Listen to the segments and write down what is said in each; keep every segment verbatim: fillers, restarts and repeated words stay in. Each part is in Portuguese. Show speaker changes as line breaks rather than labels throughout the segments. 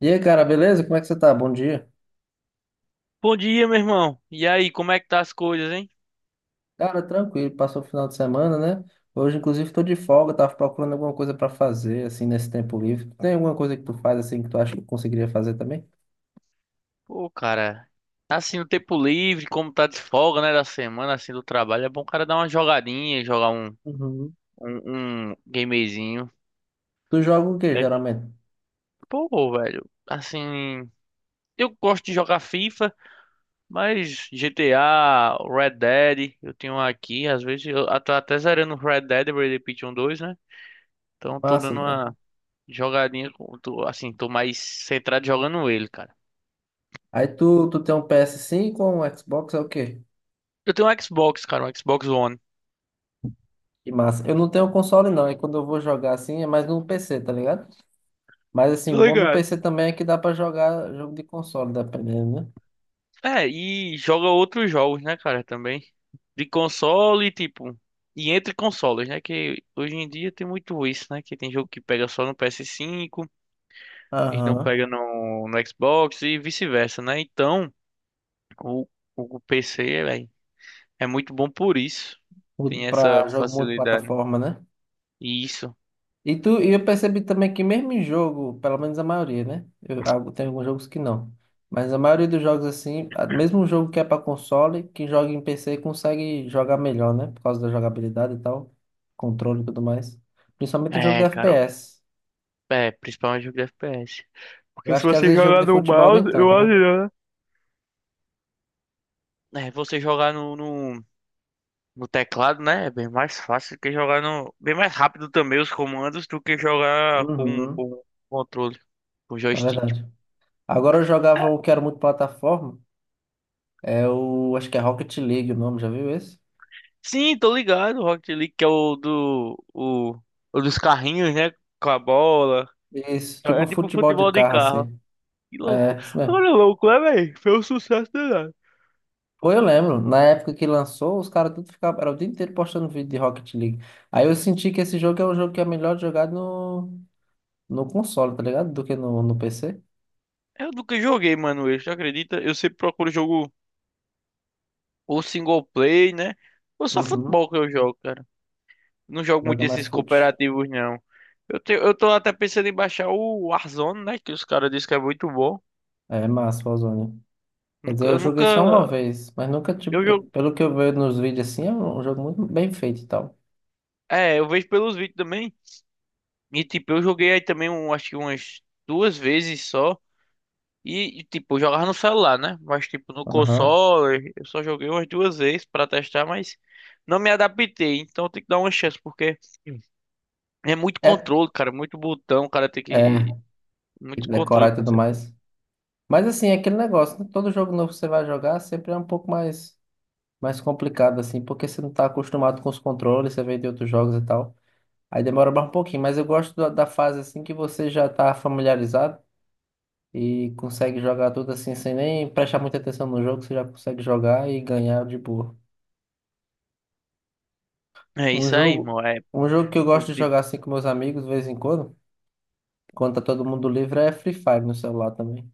E aí, cara, beleza? Como é que você tá? Bom dia.
Bom dia, meu irmão. E aí, como é que tá as coisas, hein?
Cara, tranquilo, passou o final de semana, né? Hoje, inclusive, tô de folga, tava procurando alguma coisa pra fazer, assim, nesse tempo livre. Tem alguma coisa que tu faz, assim, que tu acha que eu conseguiria fazer também?
Pô, cara, tá assim no tempo livre, como tá de folga, né, da semana, assim, do trabalho, é bom o cara dar uma jogadinha, jogar um,
Uhum.
um, um gamezinho.
Tu joga o quê,
Que é que-
geralmente?
Pô, velho, assim, eu gosto de jogar FIFA, mas G T A, Red Dead, eu tenho um aqui, às vezes eu tô até zerando o Red Dead Redemption dois, né? Então tô
Massa,
dando
velho.
uma jogadinha, com- tô, assim, tô mais centrado jogando ele, cara.
Aí tu, tu tem um ps cinco ou um Xbox, é o quê?
Eu tenho um Xbox, cara, um Xbox One.
Que massa. Eu não tenho console, não. E quando eu vou jogar, assim, é mais no P C, tá ligado? Mas, assim, o
Tô
bom do
ligado.
P C também é que dá pra jogar jogo de console, dependendo, né?
É, e joga outros jogos, né, cara, também. De console, tipo. E entre consoles, né? Que hoje em dia tem muito isso, né? Que tem jogo que pega só no P S cinco, eles não
Aham.
pegam no, no Xbox e vice-versa, né? Então, o, o P C, velho, é muito bom por isso.
Uhum.
Tem essa
Pra jogo
facilidade.
multiplataforma, né?
E isso.
E, tu, e eu percebi também que mesmo em jogo, pelo menos a maioria, né? Eu, algu- tem alguns jogos que não. Mas a maioria dos jogos, assim, a- mesmo um jogo que é para console, quem joga em P C consegue jogar melhor, né? Por causa da jogabilidade e tal, controle e tudo mais. Principalmente em jogo de
É, cara,
F P S.
é, principalmente jogo de F P S.
Eu
Porque se
acho que às
você
vezes jogo
jogar
de
no
futebol nem
mouse,
tanto,
eu
né?
acho, né? É, você jogar no, no no teclado, né? É bem mais fácil do que jogar no. Bem mais rápido também os comandos do que jogar com,
Uhum,
com controle, com
na
joystick.
verdade. Agora eu jogava o que era muito plataforma, é o, acho que é Rocket League o nome, já viu esse?
Sim, tô ligado. O Rocket League, que é o do. O, o dos carrinhos, né? Com a bola.
Isso, tipo
É
um
tipo
futebol de
futebol de
carro,
carro.
assim.
Que louco.
É, isso mesmo.
Agora é louco, né, velho? Foi um sucesso danado.
Pô, eu lembro, na época que lançou, os caras tudo ficavam, era o dia inteiro postando vídeo de Rocket League. Aí eu senti que esse jogo é um jogo que é melhor de jogar no, no console, tá ligado? Do que no, no P C.
Eu nunca joguei, mano. Isso, acredita? Eu sempre procuro jogo ou single play, né? Ou só
Uhum.
futebol que eu jogo, cara. Não jogo muito
Joga mais
esses
fute.
cooperativos, não. Eu, te, eu tô até pensando em baixar o Warzone, né? Que os caras dizem que é muito bom.
É massa, Warzone. Quer dizer,
Nunca,
eu
eu
joguei só uma
nunca.
vez, mas nunca, tipo,
Eu
eu-
jogo.
pelo que eu vejo nos vídeos assim, é um jogo muito bem feito e tal.
É, eu vejo pelos vídeos também. E tipo, eu joguei aí também, um, acho que umas duas vezes só. E, e, tipo, eu jogava no celular, né? Mas tipo, no
Aham.
console, eu só joguei umas duas vezes pra testar, mas não me adaptei. Então tem que dar uma chance, porque é muito
É,
controle, cara. Muito botão, o cara tem
é,
que. Muito controle
decorar e
pra
tudo
ser.
mais. Mas assim, é aquele negócio, né? Todo jogo novo que você vai jogar sempre é um pouco mais. Mais complicado, assim, porque você não tá acostumado com os controles, você vem de outros jogos e tal. Aí demora mais um pouquinho, mas eu gosto da, da fase, assim, que você já tá familiarizado e consegue jogar tudo assim, sem nem prestar muita atenção no jogo, você já consegue jogar e ganhar de boa.
É
Um
isso aí,
jogo,
irmão. É.
um jogo que eu gosto de jogar, assim, com meus amigos, de vez em quando, quando tá todo mundo livre, é Free Fire no celular também.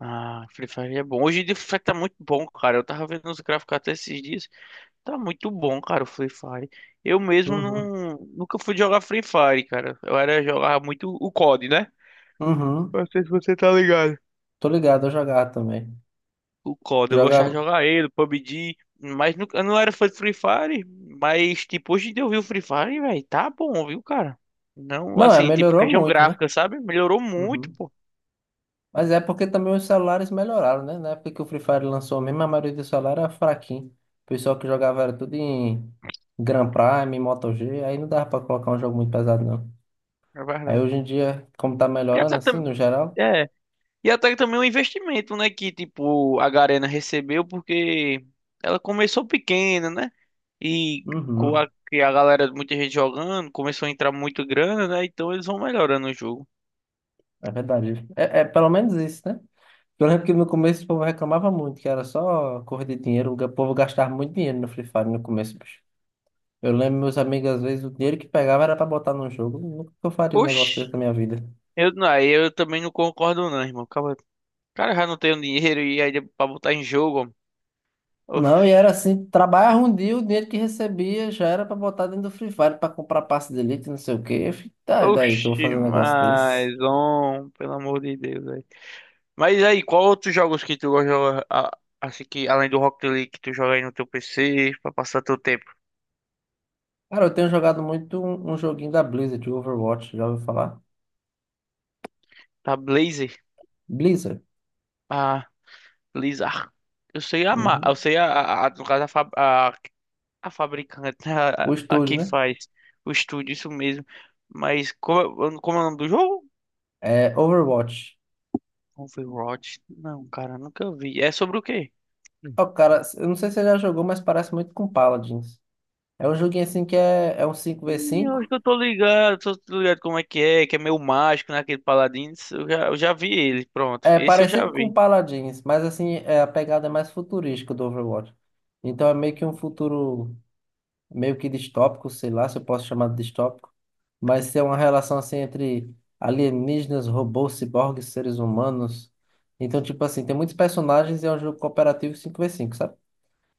Ah, Free Fire é bom. Hoje em dia o Free Fire tá muito bom, cara. Eu tava vendo os gráficos até esses dias. Tá muito bom, cara, o Free Fire. Eu mesmo
Uhum.
não, nunca fui jogar Free Fire, cara. Eu era jogar muito o cod, né?
Uhum.
Não sei se você tá ligado.
Tô ligado, eu jogava também.
O cod, eu gostava
Jogava.
de jogar ele, pabgue, mas nunca, eu não era fã de Free Fire, mas tipo, hoje em dia eu vi o Free Fire, velho, tá bom, viu, cara? Não,
Não, é,
assim, tipo,
melhorou
questão
muito, né?
gráfica, sabe? Melhorou muito,
Uhum.
pô,
Mas é porque também os celulares melhoraram, né? Na época que o Free Fire lançou mesmo, a maioria do celular era fraquinho. O pessoal que jogava era tudo em Grand Prime, Moto G, aí não dava pra colocar um jogo muito pesado, não.
é
Aí
verdade.
hoje em dia, como tá
E
melhorando
essa
assim,
também.
no geral,
E até que também um investimento, né? Que, tipo, a Garena recebeu porque ela começou pequena, né? E com
uhum,
a, que a galera, muita gente jogando, começou a entrar muito grana, né? Então eles vão melhorando o jogo.
é verdade. É, é pelo menos isso, né? Eu lembro que no começo o povo reclamava muito, que era só corrida de dinheiro, o povo gastava muito dinheiro no Free Fire no começo, bicho. Eu lembro meus amigos, às vezes, o dinheiro que pegava era pra botar num jogo. Nunca que eu faria um negócio
Oxi,
desse na minha vida.
eu, não, aí eu também não concordo não, irmão. Acaba- Cara, já não tenho dinheiro e aí pra botar em jogo, ó.
Não, e era
Oxi,
assim, trabalhava um dia, o dinheiro que recebia já era pra botar dentro do Free Fire, pra comprar passe de elite, não sei o quê. Eu fiquei, tá, e daí que eu vou
oxi,
fazer um negócio desse?
mas, homem, pelo amor de Deus, velho. Mas aí, qual outros jogos que tu gosta de jogar, a- assim que, além do Rocket League, que tu joga aí no teu P C, pra passar teu tempo?
Cara, eu tenho jogado muito um, um joguinho da Blizzard, o Overwatch, já ouviu falar?
Da Blazer.
Blizzard,
Ah, Blizzard. Eu sei a, ma-
uhum.
eu sei a, a, a- no caso, a, fab- a, a fabricante, né?
O
a, a
estúdio,
quem
né?
faz o estúdio, isso mesmo. Mas como, é- como é o nome do jogo?
É Overwatch.
Overwatch? Não, cara, nunca vi. É sobre o quê? Hum.
Ó, cara, eu não sei se você já jogou, mas parece muito com Paladins. É um joguinho assim que é, é um cinco v
Hum, Eu acho
cinco.
que eu tô ligado, tô tô ligado como é que é, que é meio mágico, né? Aquele Paladins. Eu já, eu já vi ele, pronto.
É
Esse eu já
parecido com
vi.
Paladins, mas assim, é, a pegada é mais futurística do Overwatch. Então é meio que
Hum.
um futuro meio que distópico, sei lá se eu posso chamar de distópico, mas é uma relação assim entre alienígenas, robôs, ciborgues, seres humanos. Então, tipo assim, tem muitos personagens e é um jogo cooperativo cinco v cinco, sabe?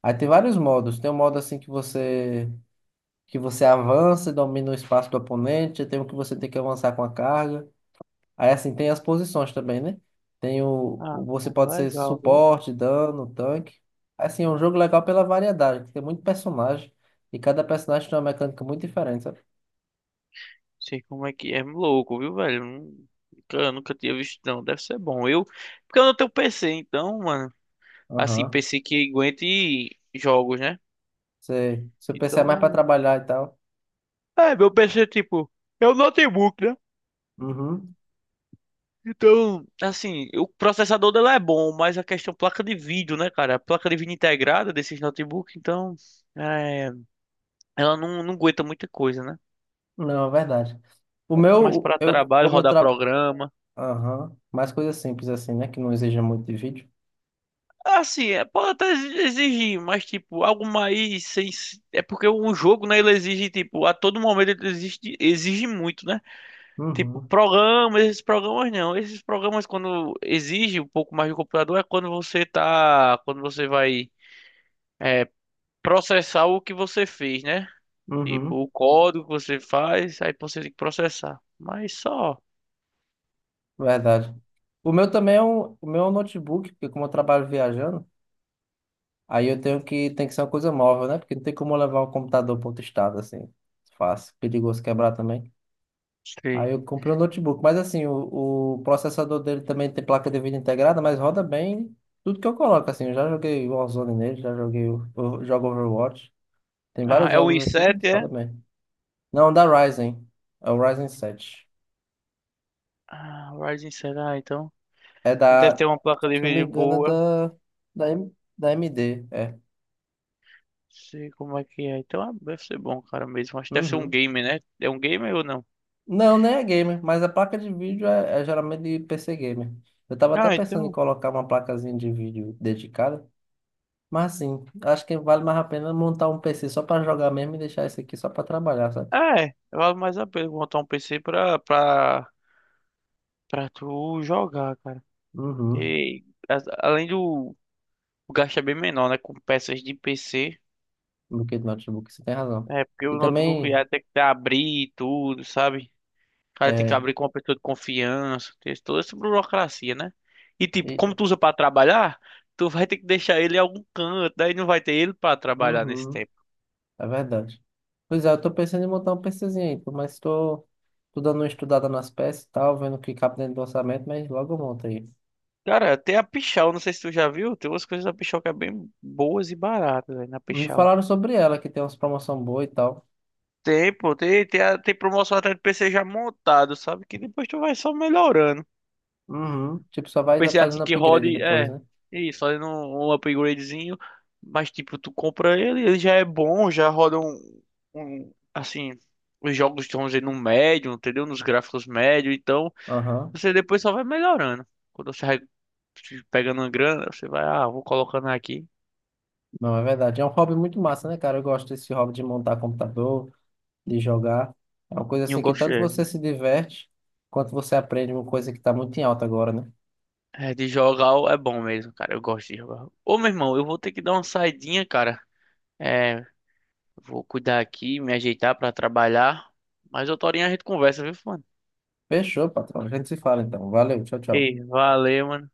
Aí tem vários modos. Tem um modo assim que você que você avança e domina o espaço do oponente, tem um que você tem que avançar com a carga. Aí assim, tem as posições também, né? Tem o,
Ah,
o- você
cara,
pode ser
legal.
suporte, dano, tanque. Assim, é um jogo legal pela variedade, que tem muito personagem e cada personagem tem uma mecânica muito diferente, sabe?
Sei como é que é. É louco, viu, velho? Nun- Nunca, nunca tinha visto, não. Deve ser bom. Eu, porque eu não tenho P C, então, mano, assim,
Aham.
P C que aguente jogos, né?
Você, seu P C é
Então
mais para
não.
trabalhar e tal.
É, meu P C, tipo, é um notebook, né?
Uhum.
Então, assim, o processador dela é bom, mas a questão placa de vídeo, né, cara? A placa de vídeo integrada desses notebooks, então, é, ela não, não aguenta muita coisa, né?
Não, é verdade. O
É mais
meu,
para
eu,
trabalho,
como eu
rodar
trabalho.
programa.
Aham. Mais coisa simples assim, né? Que não exija muito de vídeo.
Assim, é, pode até exigir, mas tipo, algo mais sem. É porque um jogo, né, ele exige, tipo, a todo momento ele exige, exige muito, né? Tipo,
Uhum.
programas, esses programas não. Esses programas, quando exige um pouco mais do computador, é quando você tá. Quando você vai é, processar o que você fez, né? Tipo,
Uhum.
o código que você faz, aí você tem que processar. Mas só.
Verdade. O meu também é um, o meu é um notebook, porque como eu trabalho viajando, aí eu tenho que, tem que ser uma coisa móvel, né? Porque não tem como eu levar o computador para outro estado, assim. Fácil, perigoso quebrar também. Aí
Sei.
eu comprei um notebook, mas assim, o, o processador dele também tem placa de vídeo integrada, mas roda bem tudo que eu coloco, assim. Eu já joguei Warzone nele, já joguei, o- eu jogo Overwatch. Tem
Ah,
vários
é o
jogos aqui, mas
i sete, é?
roda bem. Não, da Ryzen. É o Ryzen sete.
Ah, Ryzen sete, ah, então.
É
Deve
da,
ter uma placa de
se eu não me
vídeo
engano, é
boa.
da, da, M- da A M D, é.
Sei como é que é. Então, ah, deve ser bom, cara, mesmo. Acho que deve ser um
Uhum.
game, né? É um game ou não?
Não, nem é gamer, mas a placa de vídeo é, é geralmente de P C gamer. Eu tava até
Ah,
pensando em
então.
colocar uma placazinha de vídeo dedicada, mas assim, acho que vale mais a pena montar um P C só para jogar mesmo e deixar esse aqui só para trabalhar, sabe?
É, vale mais a pena montar um P C pra, pra, pra tu jogar, cara.
Uhum,
E as- além do. O gasto é bem menor, né? Com peças de P C.
do que de notebook, você tem razão.
É, porque
E
o notebook
também,
ia ter que abrir e tudo, sabe? O cara tem que
é,
abrir com uma pessoa de confiança. Tem toda essa burocracia, né? E tipo, como
e-
tu usa pra trabalhar, tu vai ter que deixar ele em algum canto. Daí não vai ter ele pra trabalhar nesse
uhum,
tempo.
é verdade. Pois é, eu tô pensando em montar um PCzinho aí, pô, mas tô, tô dando uma estudada nas peças e tal, vendo o que cabe dentro do orçamento, mas logo eu monto aí.
Cara, tem a Pichau, não sei se tu já viu, tem umas coisas da Pichau que é bem boas e baratas, velho, na
Me
Pichau.
falaram sobre ela, que tem umas promoções boas e tal.
Tem, pô, tem, tem, a- tem promoção até de P C já montado, sabe? Que depois tu vai só melhorando.
Uhum. Tipo, só
Um
vai
P C assim
fazendo
que
upgrade
rode,
depois,
é,
né?
isso, fazendo um, um upgradezinho, mas tipo, tu compra ele, ele já é bom, já roda um, um assim, os jogos estão dizer, no médio, entendeu? Nos gráficos médio, então
Aham.
você depois só vai melhorando. Quando você vai pegando uma grana, você vai, ah, vou colocando aqui.
Não, é verdade. É um hobby muito massa, né, cara? Eu gosto desse hobby de montar computador, de jogar. É uma coisa
E eu
assim que
gosto.
tanto
É,
você se diverte, quanto você aprende uma coisa que tá muito em alta agora, né?
é, de jogar é bom mesmo, cara. Eu gosto de jogar. Ô, meu irmão, eu vou ter que dar uma saidinha, cara. É, vou cuidar aqui, me ajeitar pra trabalhar. Mas outra horinha a gente conversa, viu, mano?
Fechou, patrão. A gente se fala então. Valeu, tchau, tchau.
Ei, valeu, mano.